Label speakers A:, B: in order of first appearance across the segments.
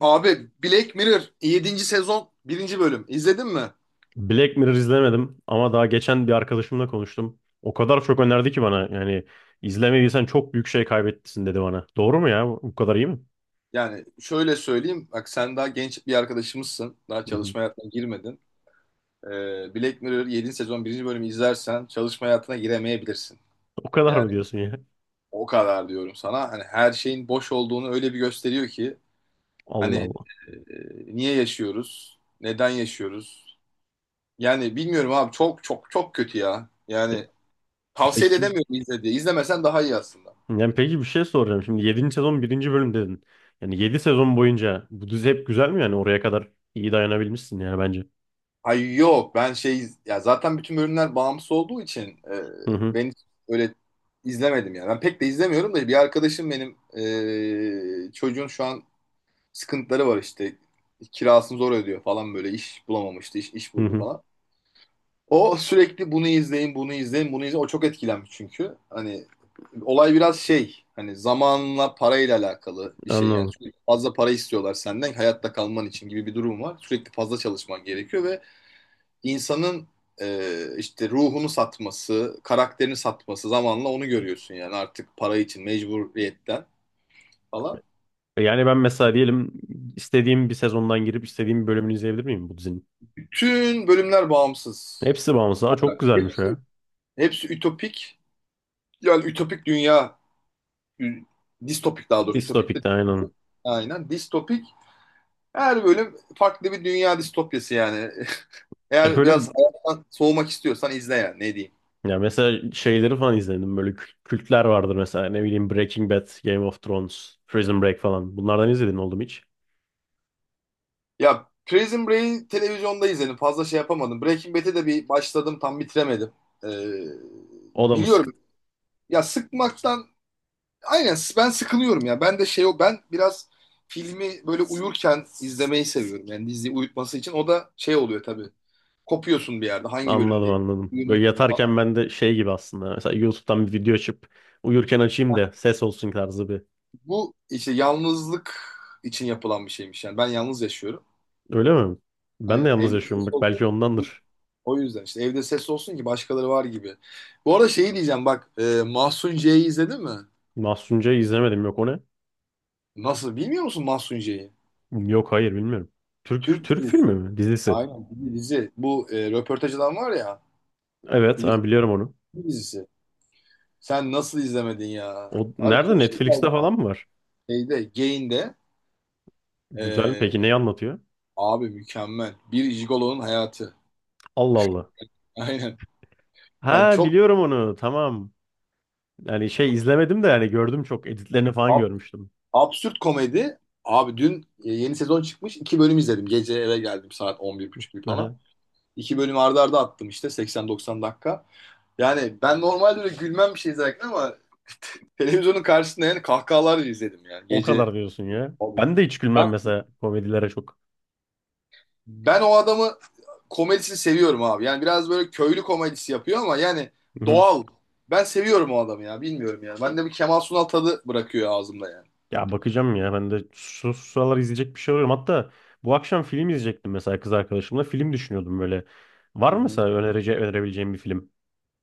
A: Abi Black Mirror yedinci sezon birinci bölüm izledin mi?
B: Black Mirror izlemedim ama daha geçen bir arkadaşımla konuştum. O kadar çok önerdi ki bana yani izlemediysen çok büyük şey kaybettin dedi bana. Doğru mu ya? Bu kadar iyi mi?
A: Yani şöyle söyleyeyim bak sen daha genç bir arkadaşımızsın. Daha
B: Hı hı.
A: çalışma hayatına girmedin. Black Mirror 7. sezon birinci bölümü izlersen çalışma hayatına giremeyebilirsin.
B: O kadar mı
A: Yani
B: diyorsun ya?
A: o kadar diyorum sana. Hani her şeyin boş olduğunu öyle bir gösteriyor ki hani
B: Allah Allah.
A: niye yaşıyoruz? Neden yaşıyoruz? Yani bilmiyorum abi çok çok çok kötü ya.
B: E,
A: Yani tavsiye de
B: Peki
A: edemiyorum izle diye. İzlemesen daha iyi aslında.
B: yani peki bir şey soracağım. Şimdi 7. sezon birinci bölüm dedin. Yani 7 sezon boyunca bu dizi hep güzel mi, yani oraya kadar iyi dayanabilmişsin yani bence.
A: Ay yok, ben şey ya, zaten bütün bölümler bağımsız olduğu için e,
B: Hı hı.
A: ben hiç öyle izlemedim yani. Ben pek de izlemiyorum da, bir arkadaşım benim çocuğun şu an sıkıntıları var, işte kirasını zor ödüyor falan, böyle iş bulamamıştı, iş
B: Hı
A: buldu
B: hı.
A: falan. O sürekli bunu izleyin bunu izleyin bunu izleyin, o çok etkilenmiş çünkü hani olay biraz şey, hani zamanla parayla alakalı bir şey yani,
B: Anladım.
A: sürekli fazla para istiyorlar senden hayatta kalman için gibi bir durum var, sürekli fazla çalışman gerekiyor ve insanın işte ruhunu satması, karakterini satması, zamanla onu görüyorsun yani, artık para için mecburiyetten falan.
B: Yani ben mesela diyelim, istediğim bir sezondan girip istediğim bir bölümünü izleyebilir miyim bu dizinin?
A: Bütün bölümler bağımsız.
B: Hepsi bağımsız. Aa, çok güzelmiş o
A: Hepsi,
B: ya.
A: hepsi ütopik. Yani ütopik dünya, distopik daha doğrusu. Ütopik de
B: Distopik'te aynen.
A: distopik. Aynen. Distopik. Her bölüm farklı bir dünya distopyası yani.
B: Hep
A: Eğer
B: öyle
A: biraz hayattan soğumak istiyorsan izle yani, ne diyeyim.
B: ya, mesela şeyleri falan izledim. Böyle kültler vardır mesela. Ne bileyim, Breaking Bad, Game of Thrones, Prison Break falan. Bunlardan izledin oldum hiç.
A: Ya Prison Break'i televizyonda izledim. Fazla şey yapamadım. Breaking Bad'e de bir başladım. Tam bitiremedim. Ee,
B: O da mı sıktı?
A: biliyorum. Ya sıkmaktan aynen, ben sıkılıyorum ya. Ben de şey, o ben biraz filmi böyle uyurken izlemeyi seviyorum. Yani diziyi uyutması için. O da şey oluyor tabii. Kopuyorsun bir yerde. Hangi
B: Anladım
A: bölümdeyim?
B: anladım. Böyle
A: Uyumuşsun falan.
B: yatarken ben de şey gibi aslında. Mesela YouTube'dan bir video açıp uyurken açayım da ses olsun tarzı bir.
A: Bu işte yalnızlık için yapılan bir şeymiş. Yani ben yalnız yaşıyorum.
B: Öyle mi? Ben de
A: Aynen.
B: yalnız yaşıyorum bak, belki ondandır.
A: O yüzden işte evde ses olsun ki başkaları var gibi. Bu arada şeyi diyeceğim bak, Mahsun C'yi izledin mi?
B: Mahsunca'yı izlemedim, yok o ne?
A: Nasıl bilmiyor musun Mahsun C'yi?
B: Yok, hayır, bilmiyorum. Türk
A: Türk
B: Türk filmi
A: dizisi.
B: mi? Dizisi.
A: Aynen, bir dizi. Bu röportaj adam var ya,
B: Evet
A: bilirsin,
B: ha, biliyorum onu.
A: bir dizisi. Sen nasıl izlemedin ya?
B: O
A: Abi
B: nerede,
A: çok şey
B: Netflix'te
A: kaybettin.
B: falan mı var?
A: Şeyde, Gain'de.
B: Güzel mi?
A: e,
B: Peki neyi anlatıyor?
A: Abi mükemmel. Bir jigolonun hayatı.
B: Allah Allah.
A: Aynen. Yani
B: Ha,
A: çok
B: biliyorum onu. Tamam. Yani şey izlemedim de yani gördüm çok. Editlerini falan
A: ab-
B: görmüştüm.
A: absürt komedi. Abi dün yeni sezon çıkmış. İki bölüm izledim. Gece eve geldim saat 11:30 gibi falan.
B: Aha.
A: İki bölüm arda arda attım işte, 80-90 dakika. Yani ben normalde öyle gülmem bir şey izlerken ama televizyonun karşısında yani kahkahalarla izledim yani,
B: O
A: gece.
B: kadar diyorsun ya.
A: Abi.
B: Ben de hiç
A: Ben,
B: gülmem mesela, komedilere çok.
A: ben o adamı, komedisini seviyorum abi. Yani biraz böyle köylü komedisi yapıyor ama yani
B: Hı-hı.
A: doğal. Ben seviyorum o adamı ya, bilmiyorum yani. Bende bir Kemal Sunal tadı bırakıyor ağzımda yani.
B: Ya bakacağım ya. Ben de şu sıralar izleyecek bir şey arıyorum. Hatta bu akşam film izleyecektim mesela, kız arkadaşımla. Film düşünüyordum böyle. Var
A: Hı
B: mı
A: hı.
B: mesela önerebileceğim bir film?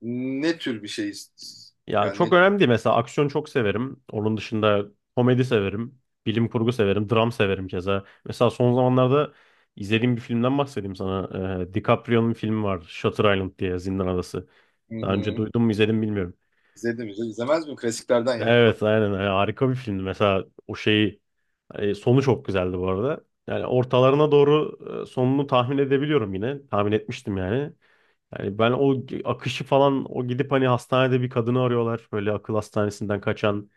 A: Ne tür bir şey
B: Ya
A: yani
B: çok
A: ne.
B: önemli değil. Mesela aksiyon çok severim. Onun dışında komedi severim. Bilim kurgu severim. Dram severim keza. Mesela son zamanlarda izlediğim bir filmden bahsedeyim sana. DiCaprio'nun filmi var. Shutter Island diye, Zindan Adası.
A: Hı
B: Daha önce
A: hı.
B: duydum mu izledim bilmiyorum.
A: İzledim izledim. İzlemez miyim klasiklerden ya?
B: Evet aynen. Yani harika bir filmdi. Mesela o şeyi, sonu çok güzeldi bu arada. Yani ortalarına doğru sonunu tahmin edebiliyorum yine. Tahmin etmiştim yani. Yani ben o akışı falan, o gidip hani hastanede bir kadını arıyorlar. Böyle akıl hastanesinden kaçan,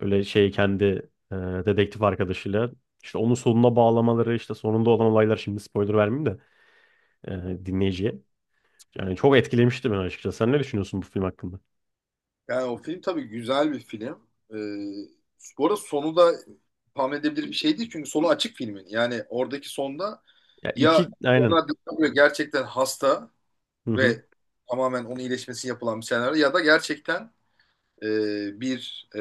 B: öyle şey, kendi dedektif arkadaşıyla işte onun sonuna bağlamaları, işte sonunda olan olaylar, şimdi spoiler vermeyeyim de dinleyiciye. Yani çok etkilemişti beni açıkçası. Sen ne düşünüyorsun bu film hakkında?
A: Yani o film tabii güzel bir film. Ee, bu arada sonu da tahmin edebilir bir şey değil çünkü sonu açık filmin. Yani oradaki sonda,
B: Ya
A: ya
B: iki aynen.
A: ona DiCaprio gerçekten hasta
B: Hı hı.
A: ve tamamen onun iyileşmesi yapılan bir senaryo, ya da gerçekten e, bir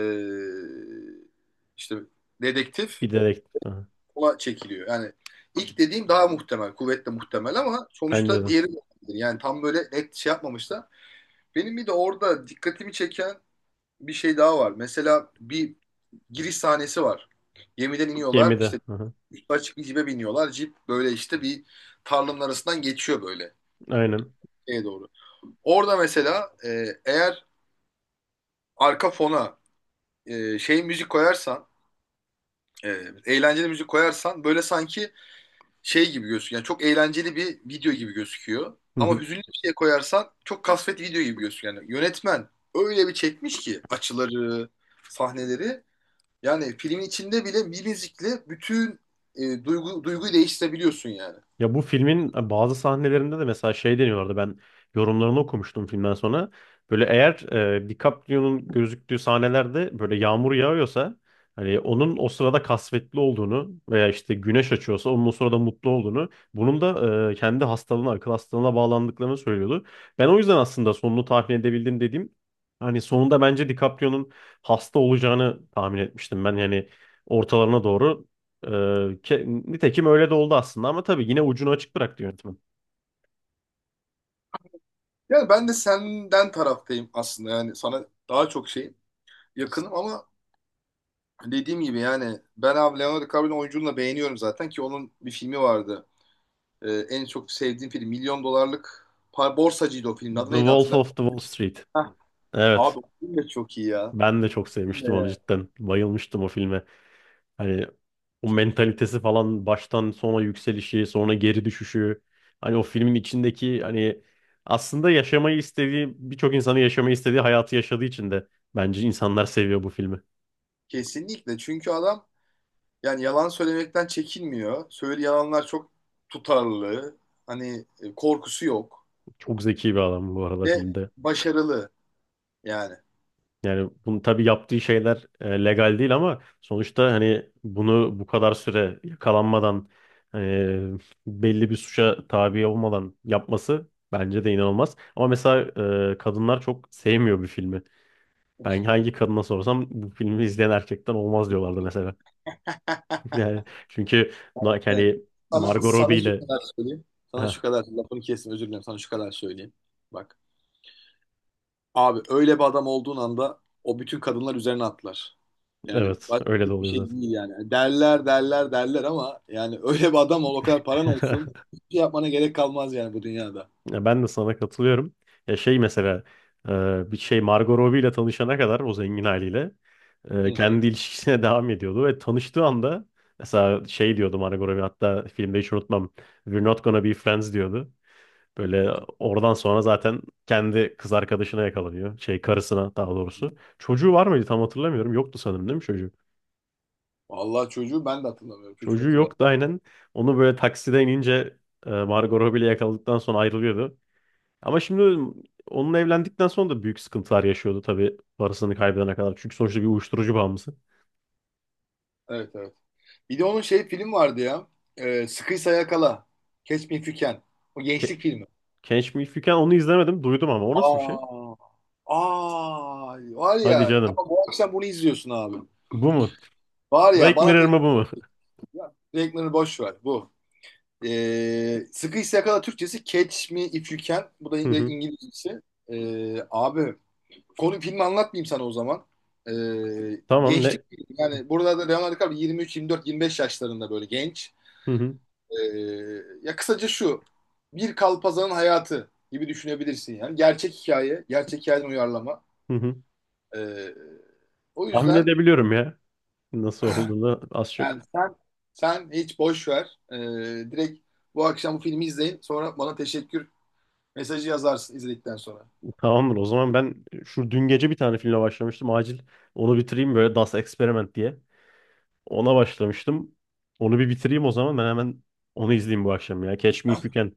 A: işte dedektif
B: Bir dedektif. Hı hı.
A: ona çekiliyor. Yani ilk dediğim daha muhtemel, kuvvetle muhtemel, ama
B: Bence
A: sonuçta
B: de.
A: diğeri de olabilir. Yani tam böyle net şey yapmamışlar. Benim bir de orada dikkatimi çeken bir şey daha var. Mesela bir giriş sahnesi var. Gemiden iniyorlar.
B: Gemide.
A: İşte
B: Hı hı.
A: üstü açık bir cipe biniyorlar. Cip böyle işte bir tarlanın arasından geçiyor, böyle
B: Aynen.
A: şeye doğru. Orada mesela, eğer arka fona şey müzik koyarsan, e, eğlenceli müzik koyarsan, böyle sanki şey gibi gözüküyor. Yani çok eğlenceli bir video gibi gözüküyor.
B: Hı
A: Ama
B: hı.
A: hüzünlü bir şey koyarsan çok kasvet video gibi gözüküyor. Yani yönetmen öyle bir çekmiş ki açıları, sahneleri. Yani filmin içinde bile bir müzikle bütün duyguyu değiştirebiliyorsun yani.
B: Ya bu filmin bazı sahnelerinde de mesela şey deniyorlardı. Ben yorumlarını okumuştum filmden sonra. Böyle eğer DiCaprio'nun gözüktüğü sahnelerde böyle yağmur yağıyorsa hani onun o sırada kasvetli olduğunu, veya işte güneş açıyorsa onun o sırada mutlu olduğunu, bunun da kendi hastalığına, akıl hastalığına bağlandıklarını söylüyordu. Ben o yüzden aslında sonunu tahmin edebildim dediğim, hani sonunda bence DiCaprio'nun hasta olacağını tahmin etmiştim. Ben yani ortalarına doğru ee, nitekim öyle de oldu aslında, ama tabii yine ucunu açık bıraktı yönetmen.
A: Yani ben de senden taraftayım aslında, yani sana daha çok şey yakınım, ama dediğim gibi yani, ben abi Leonardo DiCaprio'nun oyunculuğunu da beğeniyorum zaten, ki onun bir filmi vardı. En çok sevdiğim film Milyon Dolarlık Par, Borsacıydı, o filmin adı
B: The
A: neydi
B: Wolf of
A: hatırlamıyorum.
B: the Wall Street.
A: Heh.
B: Evet.
A: Abi o film de çok iyi ya.
B: Ben de
A: O
B: çok
A: film de
B: sevmiştim onu
A: ya.
B: cidden. Bayılmıştım o filme. Hani o mentalitesi falan, baştan sona yükselişi, sonra geri düşüşü. Hani o filmin içindeki hani aslında yaşamayı istediği, birçok insanın yaşamayı istediği hayatı yaşadığı için de bence insanlar seviyor bu filmi.
A: Kesinlikle çünkü adam, yani yalan söylemekten çekinmiyor. Söylediği yalanlar çok tutarlı. Hani korkusu yok.
B: Çok zeki bir adam bu arada
A: Ve
B: filmde.
A: başarılı yani.
B: Yani bunu tabii, yaptığı şeyler legal değil ama sonuçta hani bunu bu kadar süre yakalanmadan, e, belli bir suça tabi olmadan yapması bence de inanılmaz. Ama mesela kadınlar çok sevmiyor bir filmi. Ben hangi kadına sorsam bu filmi izleyen erkekten olmaz diyorlardı mesela. Yani çünkü
A: Evet.
B: yani
A: Sana,
B: Margot
A: sana
B: Robbie
A: şu
B: ile,
A: kadar söyleyeyim. Sana şu
B: heh,
A: kadar, lafını kesin, özür dilerim. Sana şu kadar söyleyeyim. Bak. Abi öyle bir adam olduğun anda o bütün kadınlar üzerine atlar. Yani
B: evet
A: başka
B: öyle de
A: hiçbir
B: oluyor
A: şey
B: zaten.
A: değil yani. Yani derler derler derler ama yani, öyle bir adam ol, o kadar paran olsun. Hiçbir şey yapmana gerek kalmaz yani bu dünyada.
B: Ya ben de sana katılıyorum. Ya şey mesela, bir şey, Margot Robbie ile tanışana kadar o zengin haliyle
A: Hı hı.
B: kendi ilişkisine devam ediyordu ve tanıştığı anda mesela şey diyordu Margot Robbie, hatta filmde hiç unutmam, We're not gonna be friends diyordu.
A: Hı
B: Böyle
A: hı.
B: oradan sonra zaten kendi kız arkadaşına yakalanıyor. Şey, karısına daha doğrusu. Çocuğu var mıydı tam hatırlamıyorum. Yoktu sanırım, değil mi çocuğu?
A: Vallahi çocuğu ben de hatırlamıyorum. Çocuk
B: Çocuğu
A: hatırlamıyorum.
B: yoktu aynen. Onu böyle taksiden inince Margot Robbie ile yakaladıktan sonra ayrılıyordu. Ama şimdi onunla evlendikten sonra da büyük sıkıntılar yaşıyordu tabii, parasını kaybedene kadar. Çünkü sonuçta bir uyuşturucu bağımlısı.
A: Evet evet. Bir de onun şey film vardı ya. Sıkıysa Yakala. Catch Me If You Can. O
B: Ke
A: gençlik filmi.
B: Catch Me If You Can, onu izlemedim. Duydum ama o nasıl bir şey?
A: Aa. Aa. Var
B: Hadi
A: ya.
B: canım.
A: Tamam, bu akşam bunu izliyorsun abi.
B: Bu mu?
A: Var ya,
B: Black
A: bana
B: Mirror
A: tek...
B: mı, bu mu?
A: Ya, renklerini boş ver. Bu. Sıkıysa Yakala Türkçesi, Catch Me If You Can. Bu da
B: Hı hı.
A: İngilizcesi. Abi. Konu, filmi anlatmayayım sana o zaman. E,
B: Tamam,
A: gençlik
B: ne?
A: yani, burada da Leonardo DiCaprio 23, 24, 25 yaşlarında, böyle genç.
B: Hı hı.
A: Ee, ya kısaca şu. Bir kalpazanın hayatı gibi düşünebilirsin yani. Gerçek hikaye, gerçek hikayeden uyarlama.
B: Hı hı.
A: Ee, o
B: Tahmin
A: yüzden
B: edebiliyorum ya. Nasıl olduğunu az
A: yani,
B: çok.
A: sen hiç boş ver. Direkt bu akşam bu filmi izleyin. Sonra bana teşekkür mesajı yazarsın izledikten sonra.
B: Tamamdır o zaman. Ben şu dün gece bir tane filme başlamıştım. Acil onu bitireyim, böyle Das Experiment diye. Ona başlamıştım. Onu bir bitireyim o zaman. Ben hemen onu izleyeyim bu akşam ya. Catch Me If You Can.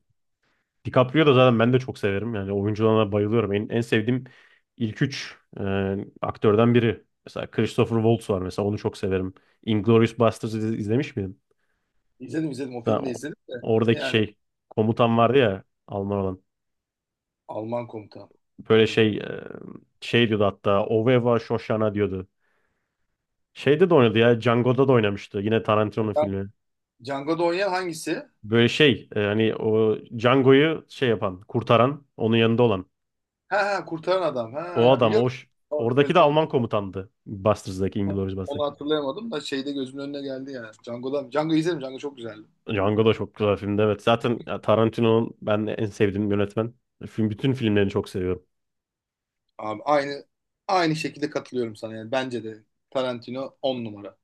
B: DiCaprio da zaten, ben de çok severim. Yani oyunculuğuna bayılıyorum. En sevdiğim ilk üç aktörden biri. Mesela Christopher Waltz var, mesela onu çok severim. Inglourious Basterds'ı izlemiş miydin?
A: İzledim izledim. O
B: Ha,
A: filmi de izledim de.
B: oradaki
A: Yani
B: şey, komutan vardı ya Alman olan.
A: Alman komutan.
B: Böyle
A: Onu
B: şey,
A: bilmiyorum.
B: şey diyordu hatta, Oveva Shoshana diyordu. Şeyde de oynadı ya, Django'da da oynamıştı. Yine Tarantino'nun
A: Ben
B: filmi.
A: Django'da oynayan hangisi?
B: Böyle şey, hani o Django'yu şey yapan, kurtaran, onun yanında olan.
A: Ha ha, kurtaran adam.
B: O
A: Ha,
B: adam o
A: biliyorum.
B: oradaki de
A: Gözüm
B: Alman komutandı. Busters'daki, Inglourious
A: Onu
B: Basterds.
A: hatırlayamadım da şeyde gözümün önüne geldi yani. Django izledim. Django çok güzeldi.
B: Django da çok güzel filmdi evet. Zaten ya, Tarantino'nun, ben en sevdiğim yönetmen. Bütün filmlerini çok seviyorum.
A: Abi aynı şekilde katılıyorum sana yani. Bence de Tarantino 10 numara.